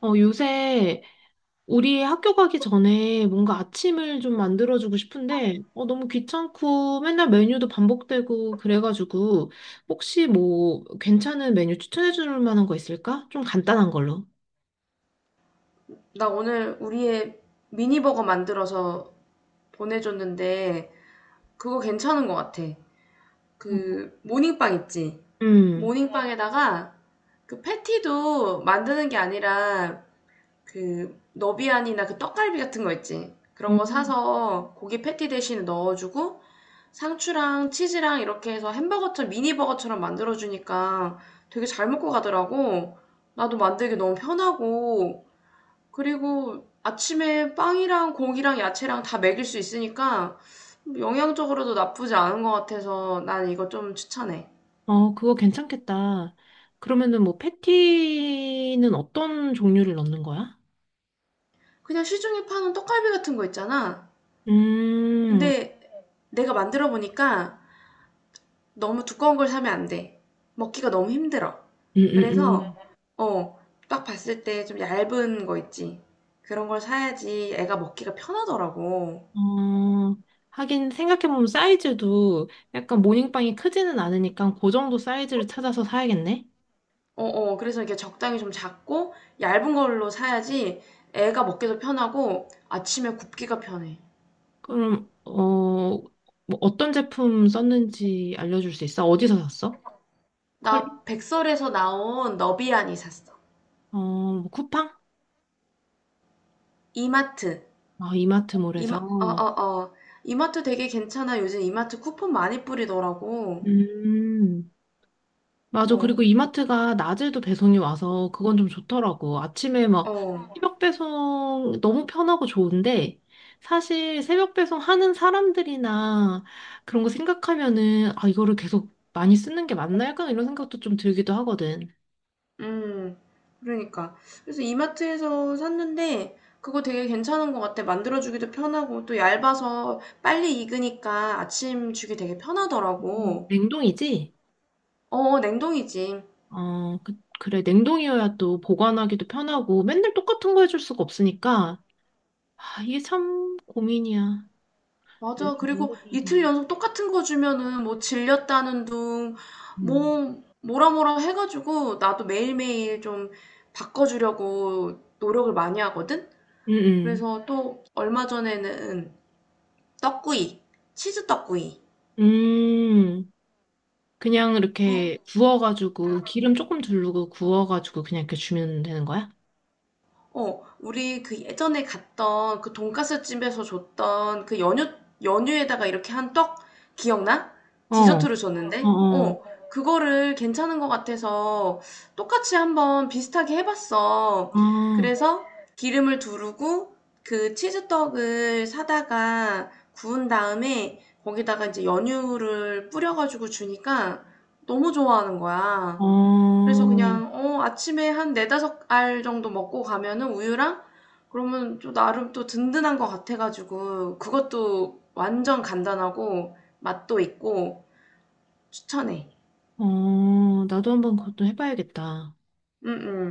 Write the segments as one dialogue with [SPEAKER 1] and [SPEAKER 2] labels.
[SPEAKER 1] 어, 요새 우리 학교 가기 전에 뭔가 아침을 좀 만들어주고 싶은데, 어, 너무 귀찮고 맨날 메뉴도 반복되고 그래가지고, 혹시 뭐 괜찮은 메뉴 추천해줄 만한 거 있을까? 좀 간단한 걸로.
[SPEAKER 2] 나 오늘 우리의 미니버거 만들어서 보내줬는데 그거 괜찮은 것 같아.
[SPEAKER 1] 어.
[SPEAKER 2] 그 모닝빵 있지?
[SPEAKER 1] 음,
[SPEAKER 2] 모닝빵에다가 그 패티도 만드는 게 아니라 그 너비안이나 그 떡갈비 같은 거 있지? 그런 거
[SPEAKER 1] 음,
[SPEAKER 2] 사서 고기 패티 대신에 넣어주고 상추랑 치즈랑 이렇게 해서 햄버거처럼 미니버거처럼 만들어주니까 되게 잘 먹고 가더라고. 나도 만들기 너무 편하고, 그리고 아침에 빵이랑 고기랑 야채랑 다 먹일 수 있으니까 영양적으로도 나쁘지 않은 것 같아서 난 이거 좀 추천해.
[SPEAKER 1] 어, 그거 괜찮겠다. 그러면은 뭐 패티는 어떤 종류를 넣는 거야?
[SPEAKER 2] 그냥 시중에 파는 떡갈비 같은 거 있잖아.
[SPEAKER 1] 음,
[SPEAKER 2] 근데 내가 만들어 보니까 너무 두꺼운 걸 사면 안 돼. 먹기가 너무 힘들어.
[SPEAKER 1] 음, 음,
[SPEAKER 2] 그래서
[SPEAKER 1] 음.
[SPEAKER 2] 어, 딱 봤을 때 좀 얇은 거 있지. 그런 걸 사야지 애가 먹기가 편하더라고.
[SPEAKER 1] 어, 하긴 생각해보면 사이즈도 약간 모닝빵이 크지는 않으니까 그 정도 사이즈를 찾아서 사야겠네?
[SPEAKER 2] 어어. 그래서 이렇게 적당히 좀 작고 얇은 걸로 사야지 애가 먹기도 편하고 아침에 굽기가 편해.
[SPEAKER 1] 그럼, 어, 뭐 어떤 제품 썼는지 알려줄 수 있어? 어디서 샀어? 컬,
[SPEAKER 2] 나 백설에서 나온 너비안이 샀어.
[SPEAKER 1] 어, 뭐 쿠팡?
[SPEAKER 2] 이마트.
[SPEAKER 1] 아, 이마트몰에서.
[SPEAKER 2] 이마 어어어. 이마트 되게 괜찮아. 요즘 이마트 쿠폰 많이 뿌리더라고.
[SPEAKER 1] 음. 맞아. 그리고
[SPEAKER 2] 어.
[SPEAKER 1] 이마트가 낮에도 배송이 와서 그건 좀 좋더라고. 아침에 막
[SPEAKER 2] 어.
[SPEAKER 1] 새벽 배송 너무 편하고 좋은데 사실 새벽 배송 하는 사람들이나 그런 거 생각하면은 아, 이거를 계속 많이 쓰는 게 맞나 약간 이런 생각도 좀 들기도 하거든.
[SPEAKER 2] 음. 그러니까. 그래서 이마트에서 샀는데 그거 되게 괜찮은 것 같아. 만들어주기도 편하고 또 얇아서 빨리 익으니까 아침 주기 되게
[SPEAKER 1] 음.
[SPEAKER 2] 편하더라고.
[SPEAKER 1] 냉동이지?
[SPEAKER 2] 냉동이지.
[SPEAKER 1] 어, 그래. 냉동이어야 또 보관하기도 편하고 맨날 똑같은 거 해줄 수가 없으니까 아, 이게 참 고민이야. 이래
[SPEAKER 2] 맞아.
[SPEAKER 1] 서
[SPEAKER 2] 그리고
[SPEAKER 1] 뭐를 해야 되나?
[SPEAKER 2] 이틀 연속 똑같은 거 주면은 뭐 질렸다는 둥,
[SPEAKER 1] 음.
[SPEAKER 2] 뭐라 해가지고 나도 매일매일 좀 바꿔주려고 노력을 많이 하거든?
[SPEAKER 1] 음
[SPEAKER 2] 그래서 또 얼마 전에는 떡구이, 치즈 떡구이,
[SPEAKER 1] 음. 그냥
[SPEAKER 2] 그,
[SPEAKER 1] 이렇게 구워가지고 기름 조금 두르고 구워가지고 그냥 이렇게 주면 되는 거야?
[SPEAKER 2] 우리 그 예전에 갔던 그 돈가스 집에서 줬던 그 연유, 연유에다가 이렇게 한 떡, 기억나?
[SPEAKER 1] 어,
[SPEAKER 2] 디저트로
[SPEAKER 1] 어,
[SPEAKER 2] 줬는데?
[SPEAKER 1] 어,
[SPEAKER 2] 어, 그거를 괜찮은 것 같아서 똑같이 한번 비슷하게 해봤어.
[SPEAKER 1] 아,
[SPEAKER 2] 그래서 기름을 두르고 그 치즈떡을 사다가 구운 다음에 거기다가 이제 연유를 뿌려가지고 주니까 너무 좋아하는 거야.
[SPEAKER 1] 어,
[SPEAKER 2] 그래서 그냥 아침에 한 4-5알 정도 먹고 가면은 우유랑, 그러면 또 나름 또 든든한 것 같아가지고 그것도 완전 간단하고 맛도 있고 추천해.
[SPEAKER 1] 어, 나도 한번 그것도 해봐야겠다.
[SPEAKER 2] 응응.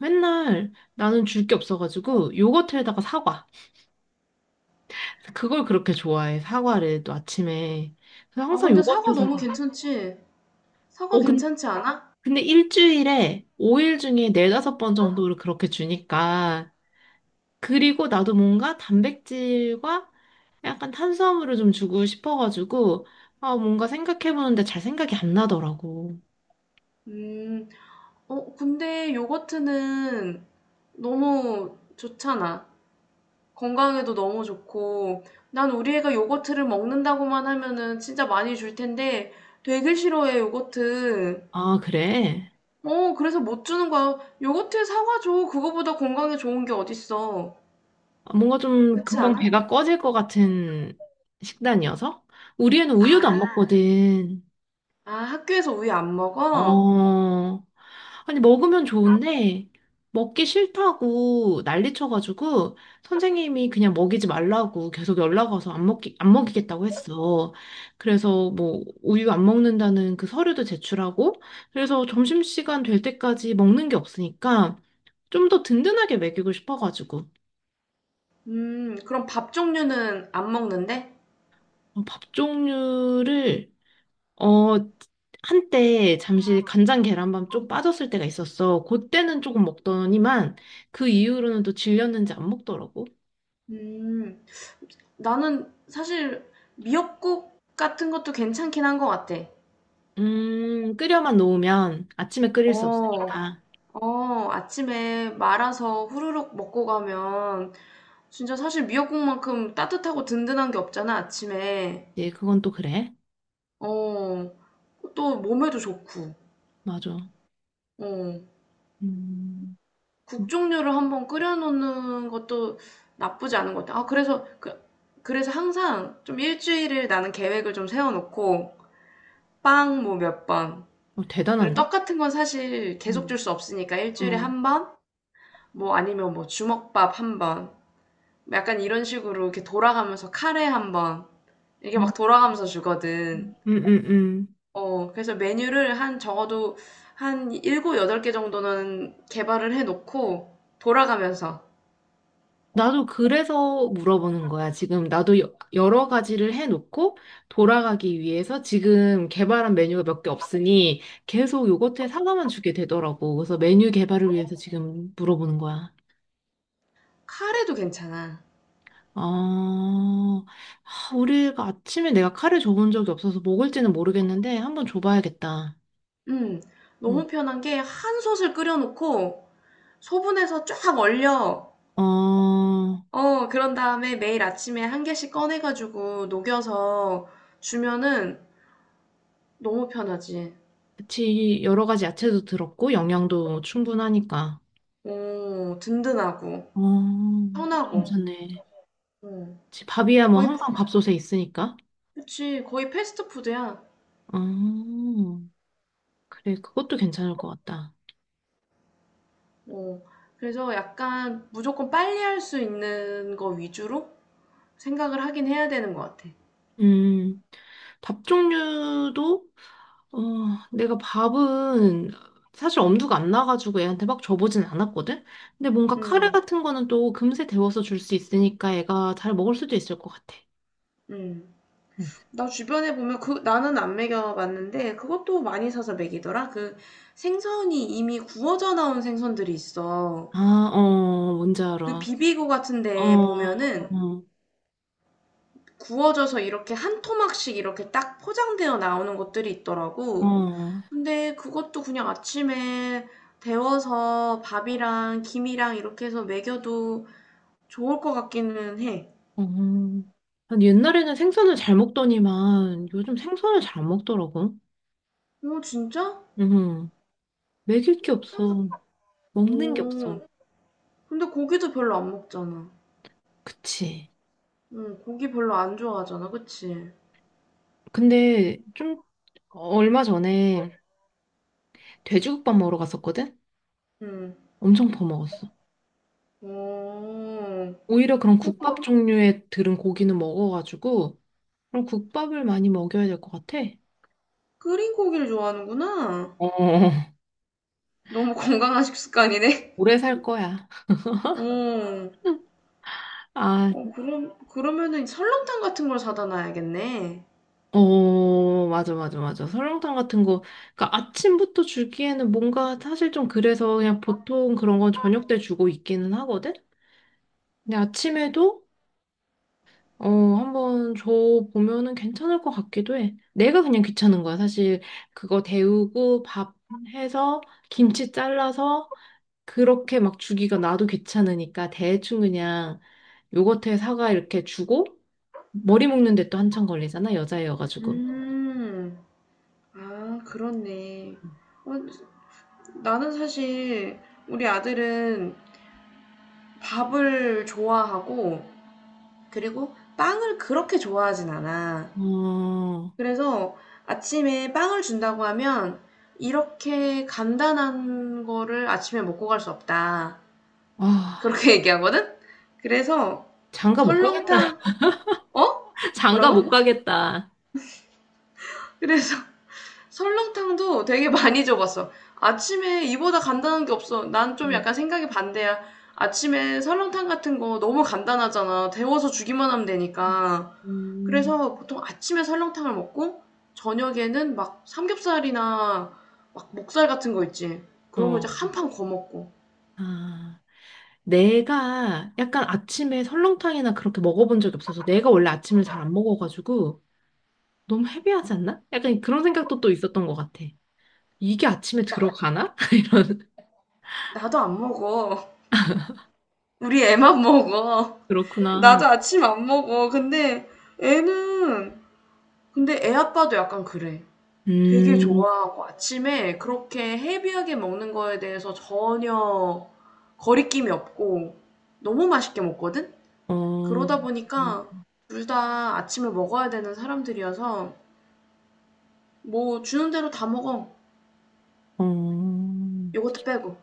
[SPEAKER 1] 맨날 나는 줄 게 없어가지고 요거트에다가 사과. 그걸 그렇게 좋아해, 사과를 또 아침에. 그래서
[SPEAKER 2] 아,
[SPEAKER 1] 항상
[SPEAKER 2] 근데
[SPEAKER 1] 요거트
[SPEAKER 2] 사과 너무
[SPEAKER 1] 사과.
[SPEAKER 2] 괜찮지? 사과
[SPEAKER 1] 어,
[SPEAKER 2] 괜찮지 않아?
[SPEAKER 1] 근데 일주일에 5일 중에 네다섯 번 정도를 그렇게 주니까. 그리고 나도 뭔가 단백질과 약간 탄수화물을 좀 주고 싶어가지고, 아, 뭔가 생각해보는데 잘 생각이 안 나더라고.
[SPEAKER 2] 음. 근데 요거트는 너무 좋잖아. 건강에도 너무 좋고 난 우리 애가 요거트를 먹는다고만 하면은 진짜 많이 줄 텐데 되게 싫어해 요거트.
[SPEAKER 1] 아, 그래?
[SPEAKER 2] 그래서 못 주는 거야. 요거트 사과 줘. 그거보다 건강에 좋은 게 어딨어.
[SPEAKER 1] 뭔가 좀
[SPEAKER 2] 그렇지
[SPEAKER 1] 금방
[SPEAKER 2] 않아?
[SPEAKER 1] 배가 꺼질 것 같은 식단이어서? 우리 애는 우유도 안
[SPEAKER 2] 아,
[SPEAKER 1] 먹거든.
[SPEAKER 2] 아 학교에서 우유 안 먹어?
[SPEAKER 1] 어, 아니, 먹으면 좋은데, 먹기 싫다고 난리 쳐가지고, 선생님이 그냥 먹이지 말라고 계속 연락 와서 안 먹이겠다고 했어. 그래서 뭐, 우유 안 먹는다는 그 서류도 제출하고, 그래서 점심시간 될 때까지 먹는 게 없으니까, 좀 더 든든하게 먹이고 싶어가지고,
[SPEAKER 2] 음, 그럼 밥 종류는 안 먹는데?
[SPEAKER 1] 어, 밥 종류를 어, 한때 잠시 간장 계란밥 좀 빠졌을 때가 있었어. 그때는 조금 먹더니만 그 이후로는 또 질렸는지 안 먹더라고.
[SPEAKER 2] 음. 나는 사실 미역국 같은 것도 괜찮긴 한 것 같아.
[SPEAKER 1] 끓여만 놓으면 아침에 끓일 수
[SPEAKER 2] 어.
[SPEAKER 1] 없으니까.
[SPEAKER 2] 어, 아침에 말아서 후루룩 먹고 가면 진짜 사실 미역국만큼 따뜻하고 든든한 게 없잖아, 아침에.
[SPEAKER 1] 예, 그건 또 그래.
[SPEAKER 2] 어, 또 몸에도 좋고.
[SPEAKER 1] 맞아.
[SPEAKER 2] 어,
[SPEAKER 1] 음,
[SPEAKER 2] 국
[SPEAKER 1] 음,
[SPEAKER 2] 종류를 한번 끓여놓는 것도 나쁘지 않은 것 같아. 그래서 항상 좀 일주일을 나는 계획을 좀 세워놓고, 빵 뭐 몇 번.
[SPEAKER 1] 어,
[SPEAKER 2] 그리고
[SPEAKER 1] 대단한데?
[SPEAKER 2] 떡 같은 건 사실 계속
[SPEAKER 1] 응.
[SPEAKER 2] 줄 수 없으니까 일주일에
[SPEAKER 1] 응,
[SPEAKER 2] 한 번? 뭐 아니면 뭐 주먹밥 한 번. 약간 이런 식으로 이렇게 돌아가면서 카레 한 번, 이게 막 돌아가면서 주거든.
[SPEAKER 1] 응, 응.
[SPEAKER 2] 어, 그래서 메뉴를 한 적어도 한 일곱 여덟 개 정도는 개발을 해놓고 돌아가면서.
[SPEAKER 1] 나도 그래서 물어보는 거야. 지금 나도 여러 가지를 해놓고 돌아가기 위해서 지금 개발한 메뉴가 몇 개 없으니 계속 요거트에 사과만 주게 되더라고. 그래서 메뉴 개발을 위해서 지금 물어보는 거야.
[SPEAKER 2] 카레도 괜찮아.
[SPEAKER 1] 아, 아, 우리가 아침에 내가 카레 줘본 적이 없어서 먹을지는 모르겠는데 한번 줘봐야겠다.
[SPEAKER 2] 음,
[SPEAKER 1] 응.
[SPEAKER 2] 너무 편한 게 한 솥을 끓여놓고 소분해서 쫙 얼려.
[SPEAKER 1] 어,
[SPEAKER 2] 어, 그런 다음에 매일 아침에 한 개씩 꺼내가지고 녹여서 주면은 너무 편하지.
[SPEAKER 1] 그치. 여러 가지 야채도 들었고 영양도 충분하니까.
[SPEAKER 2] 오, 든든하고,
[SPEAKER 1] 어,
[SPEAKER 2] 편하고.
[SPEAKER 1] 괜찮네.
[SPEAKER 2] 어,
[SPEAKER 1] 그치, 밥이야 뭐
[SPEAKER 2] 거의
[SPEAKER 1] 항상 밥솥에 있으니까.
[SPEAKER 2] 그치, 거의 패스트푸드야.
[SPEAKER 1] 아, 그래, 그것도 괜찮을 것 같다.
[SPEAKER 2] 어, 그래서 약간 무조건 빨리 할 수 있는 거 위주로 생각을 하긴 해야 되는 것 같아.
[SPEAKER 1] 음, 밥 종류도, 어, 내가 밥은 사실 엄두가 안 나가지고 애한테 막 줘보진 않았거든? 근데 뭔가
[SPEAKER 2] 음,
[SPEAKER 1] 카레 같은 거는 또 금세 데워서 줄 수 있으니까 애가 잘 먹을 수도 있을 것 같아.
[SPEAKER 2] 음.
[SPEAKER 1] 응.
[SPEAKER 2] 나 주변에 보면 그, 나는 안 먹여봤는데 그것도 많이 사서 먹이더라. 그 생선이 이미 구워져 나온 생선들이 있어.
[SPEAKER 1] 아, 어, 뭔지
[SPEAKER 2] 그
[SPEAKER 1] 알아.
[SPEAKER 2] 비비고
[SPEAKER 1] 어,
[SPEAKER 2] 같은데 보면은
[SPEAKER 1] 어,
[SPEAKER 2] 구워져서 이렇게 한 토막씩 이렇게 딱 포장되어 나오는 것들이 있더라고.
[SPEAKER 1] 어.
[SPEAKER 2] 근데 그것도 그냥 아침에 데워서 밥이랑 김이랑 이렇게 해서 먹여도 좋을 것 같기는 해.
[SPEAKER 1] 어. 아니, 옛날에는 생선을 잘 먹더니만 요즘 생선을 잘 안 먹더라고.
[SPEAKER 2] 어, 진짜?
[SPEAKER 1] 음, 먹일 게
[SPEAKER 2] 생
[SPEAKER 1] 없어. 먹는 게
[SPEAKER 2] 오,
[SPEAKER 1] 없어.
[SPEAKER 2] 근데 고기도 별로 안 먹잖아.
[SPEAKER 1] 그치.
[SPEAKER 2] 응, 고기 별로 안 좋아하잖아, 그치?
[SPEAKER 1] 근데 좀 얼마 전에 돼지국밥 먹으러 갔었거든?
[SPEAKER 2] 응.
[SPEAKER 1] 엄청 퍼먹었어.
[SPEAKER 2] 오,
[SPEAKER 1] 오히려 그런 국밥 종류의 들은 고기는 먹어가지고 그런 국밥을 많이 먹여야 될 것 같아.
[SPEAKER 2] 끓인 고기를 좋아하는구나.
[SPEAKER 1] 어,
[SPEAKER 2] 너무 건강한 식습관이네.
[SPEAKER 1] 오래 살 거야.
[SPEAKER 2] 어,
[SPEAKER 1] 아,
[SPEAKER 2] 어, 그럼, 그러면은 설렁탕 같은 걸 사다 놔야겠네.
[SPEAKER 1] 어, 맞아, 맞아, 맞아. 설렁탕 같은 거. 그러니까 아침부터 주기에는 뭔가 사실 좀 그래서 그냥 보통 그런 건 저녁 때 주고 있기는 하거든? 근데 아침에도 어, 한번 줘 보면은 괜찮을 것 같기도 해. 내가 그냥 귀찮은 거야. 사실 그거 데우고 밥 해서 김치 잘라서 그렇게 막 주기가 나도 귀찮으니까 대충 그냥 요거트에 사과 이렇게 주고 머리 묶는데 또 한참 걸리잖아. 여자애여가지고.
[SPEAKER 2] 음, 아, 그렇네. 어, 나는 사실 우리 아들은 밥을 좋아하고 그리고 빵을 그렇게 좋아하진 않아.
[SPEAKER 1] 어,
[SPEAKER 2] 그래서 아침에 빵을 준다고 하면 이렇게 간단한 거를 아침에 먹고 갈 수 없다. 그렇게
[SPEAKER 1] 아,
[SPEAKER 2] 얘기하거든? 그래서
[SPEAKER 1] 장가 못 가겠다.
[SPEAKER 2] 설렁탕, 어?
[SPEAKER 1] 장가
[SPEAKER 2] 뭐라고?
[SPEAKER 1] 못 가겠다.
[SPEAKER 2] 그래서 설렁탕도 되게 많이 줘봤어. 아침에 이보다 간단한 게 없어. 난 좀 약간 생각이 반대야. 아침에 설렁탕 같은 거 너무 간단하잖아. 데워서 주기만 하면 되니까.
[SPEAKER 1] 음.
[SPEAKER 2] 그래서 보통 아침에 설렁탕을 먹고 저녁에는 막 삼겹살이나 막 목살 같은 거 있지. 그런
[SPEAKER 1] 어,
[SPEAKER 2] 거 이제 한 판 거먹고.
[SPEAKER 1] 아. 내가 약간 아침에 설렁탕이나 그렇게 먹어본 적이 없어서 내가 원래 아침을 잘 안 먹어가지고 너무 헤비하지 않나? 약간 그런 생각도 또 있었던 것 같아. 이게 아침에
[SPEAKER 2] 나,
[SPEAKER 1] 들어가나? 이런,
[SPEAKER 2] 나도 안 먹어. 우리 애만 먹어.
[SPEAKER 1] 그렇구나.
[SPEAKER 2] 나도 아침 안 먹어. 근데 애는, 근데 애 아빠도 약간 그래. 되게
[SPEAKER 1] 음,
[SPEAKER 2] 좋아하고 아침에 그렇게 헤비하게 먹는 거에 대해서 전혀 거리낌이 없고 너무 맛있게 먹거든?
[SPEAKER 1] 어,
[SPEAKER 2] 그러다 보니까 둘 다 아침에 먹어야 되는 사람들이어서 뭐 주는 대로 다 먹어.
[SPEAKER 1] 어,
[SPEAKER 2] 요거트 빼고.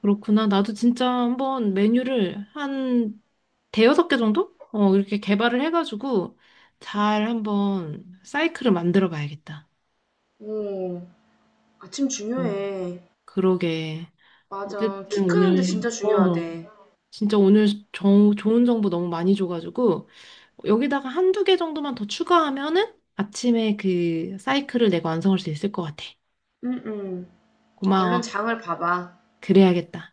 [SPEAKER 1] 그렇구나. 나도 진짜 한번 메뉴를 한 대여섯 개 정도? 어, 이렇게 개발을 해가지고 잘 한번 사이클을 만들어 봐야겠다.
[SPEAKER 2] 오, 아침
[SPEAKER 1] 어,
[SPEAKER 2] 중요해.
[SPEAKER 1] 그러게.
[SPEAKER 2] 맞아. 키
[SPEAKER 1] 어쨌든
[SPEAKER 2] 크는데
[SPEAKER 1] 오늘,
[SPEAKER 2] 진짜
[SPEAKER 1] 어,
[SPEAKER 2] 중요하대.
[SPEAKER 1] 진짜 오늘 좋은 정보 너무 많이 줘가지고 여기다가 한두 개 정도만 더 추가하면은 아침에 그 사이클을 내가 완성할 수 있을 것 같아.
[SPEAKER 2] 응, 응. 얼른
[SPEAKER 1] 고마워.
[SPEAKER 2] 장을 봐봐.
[SPEAKER 1] 그래야겠다.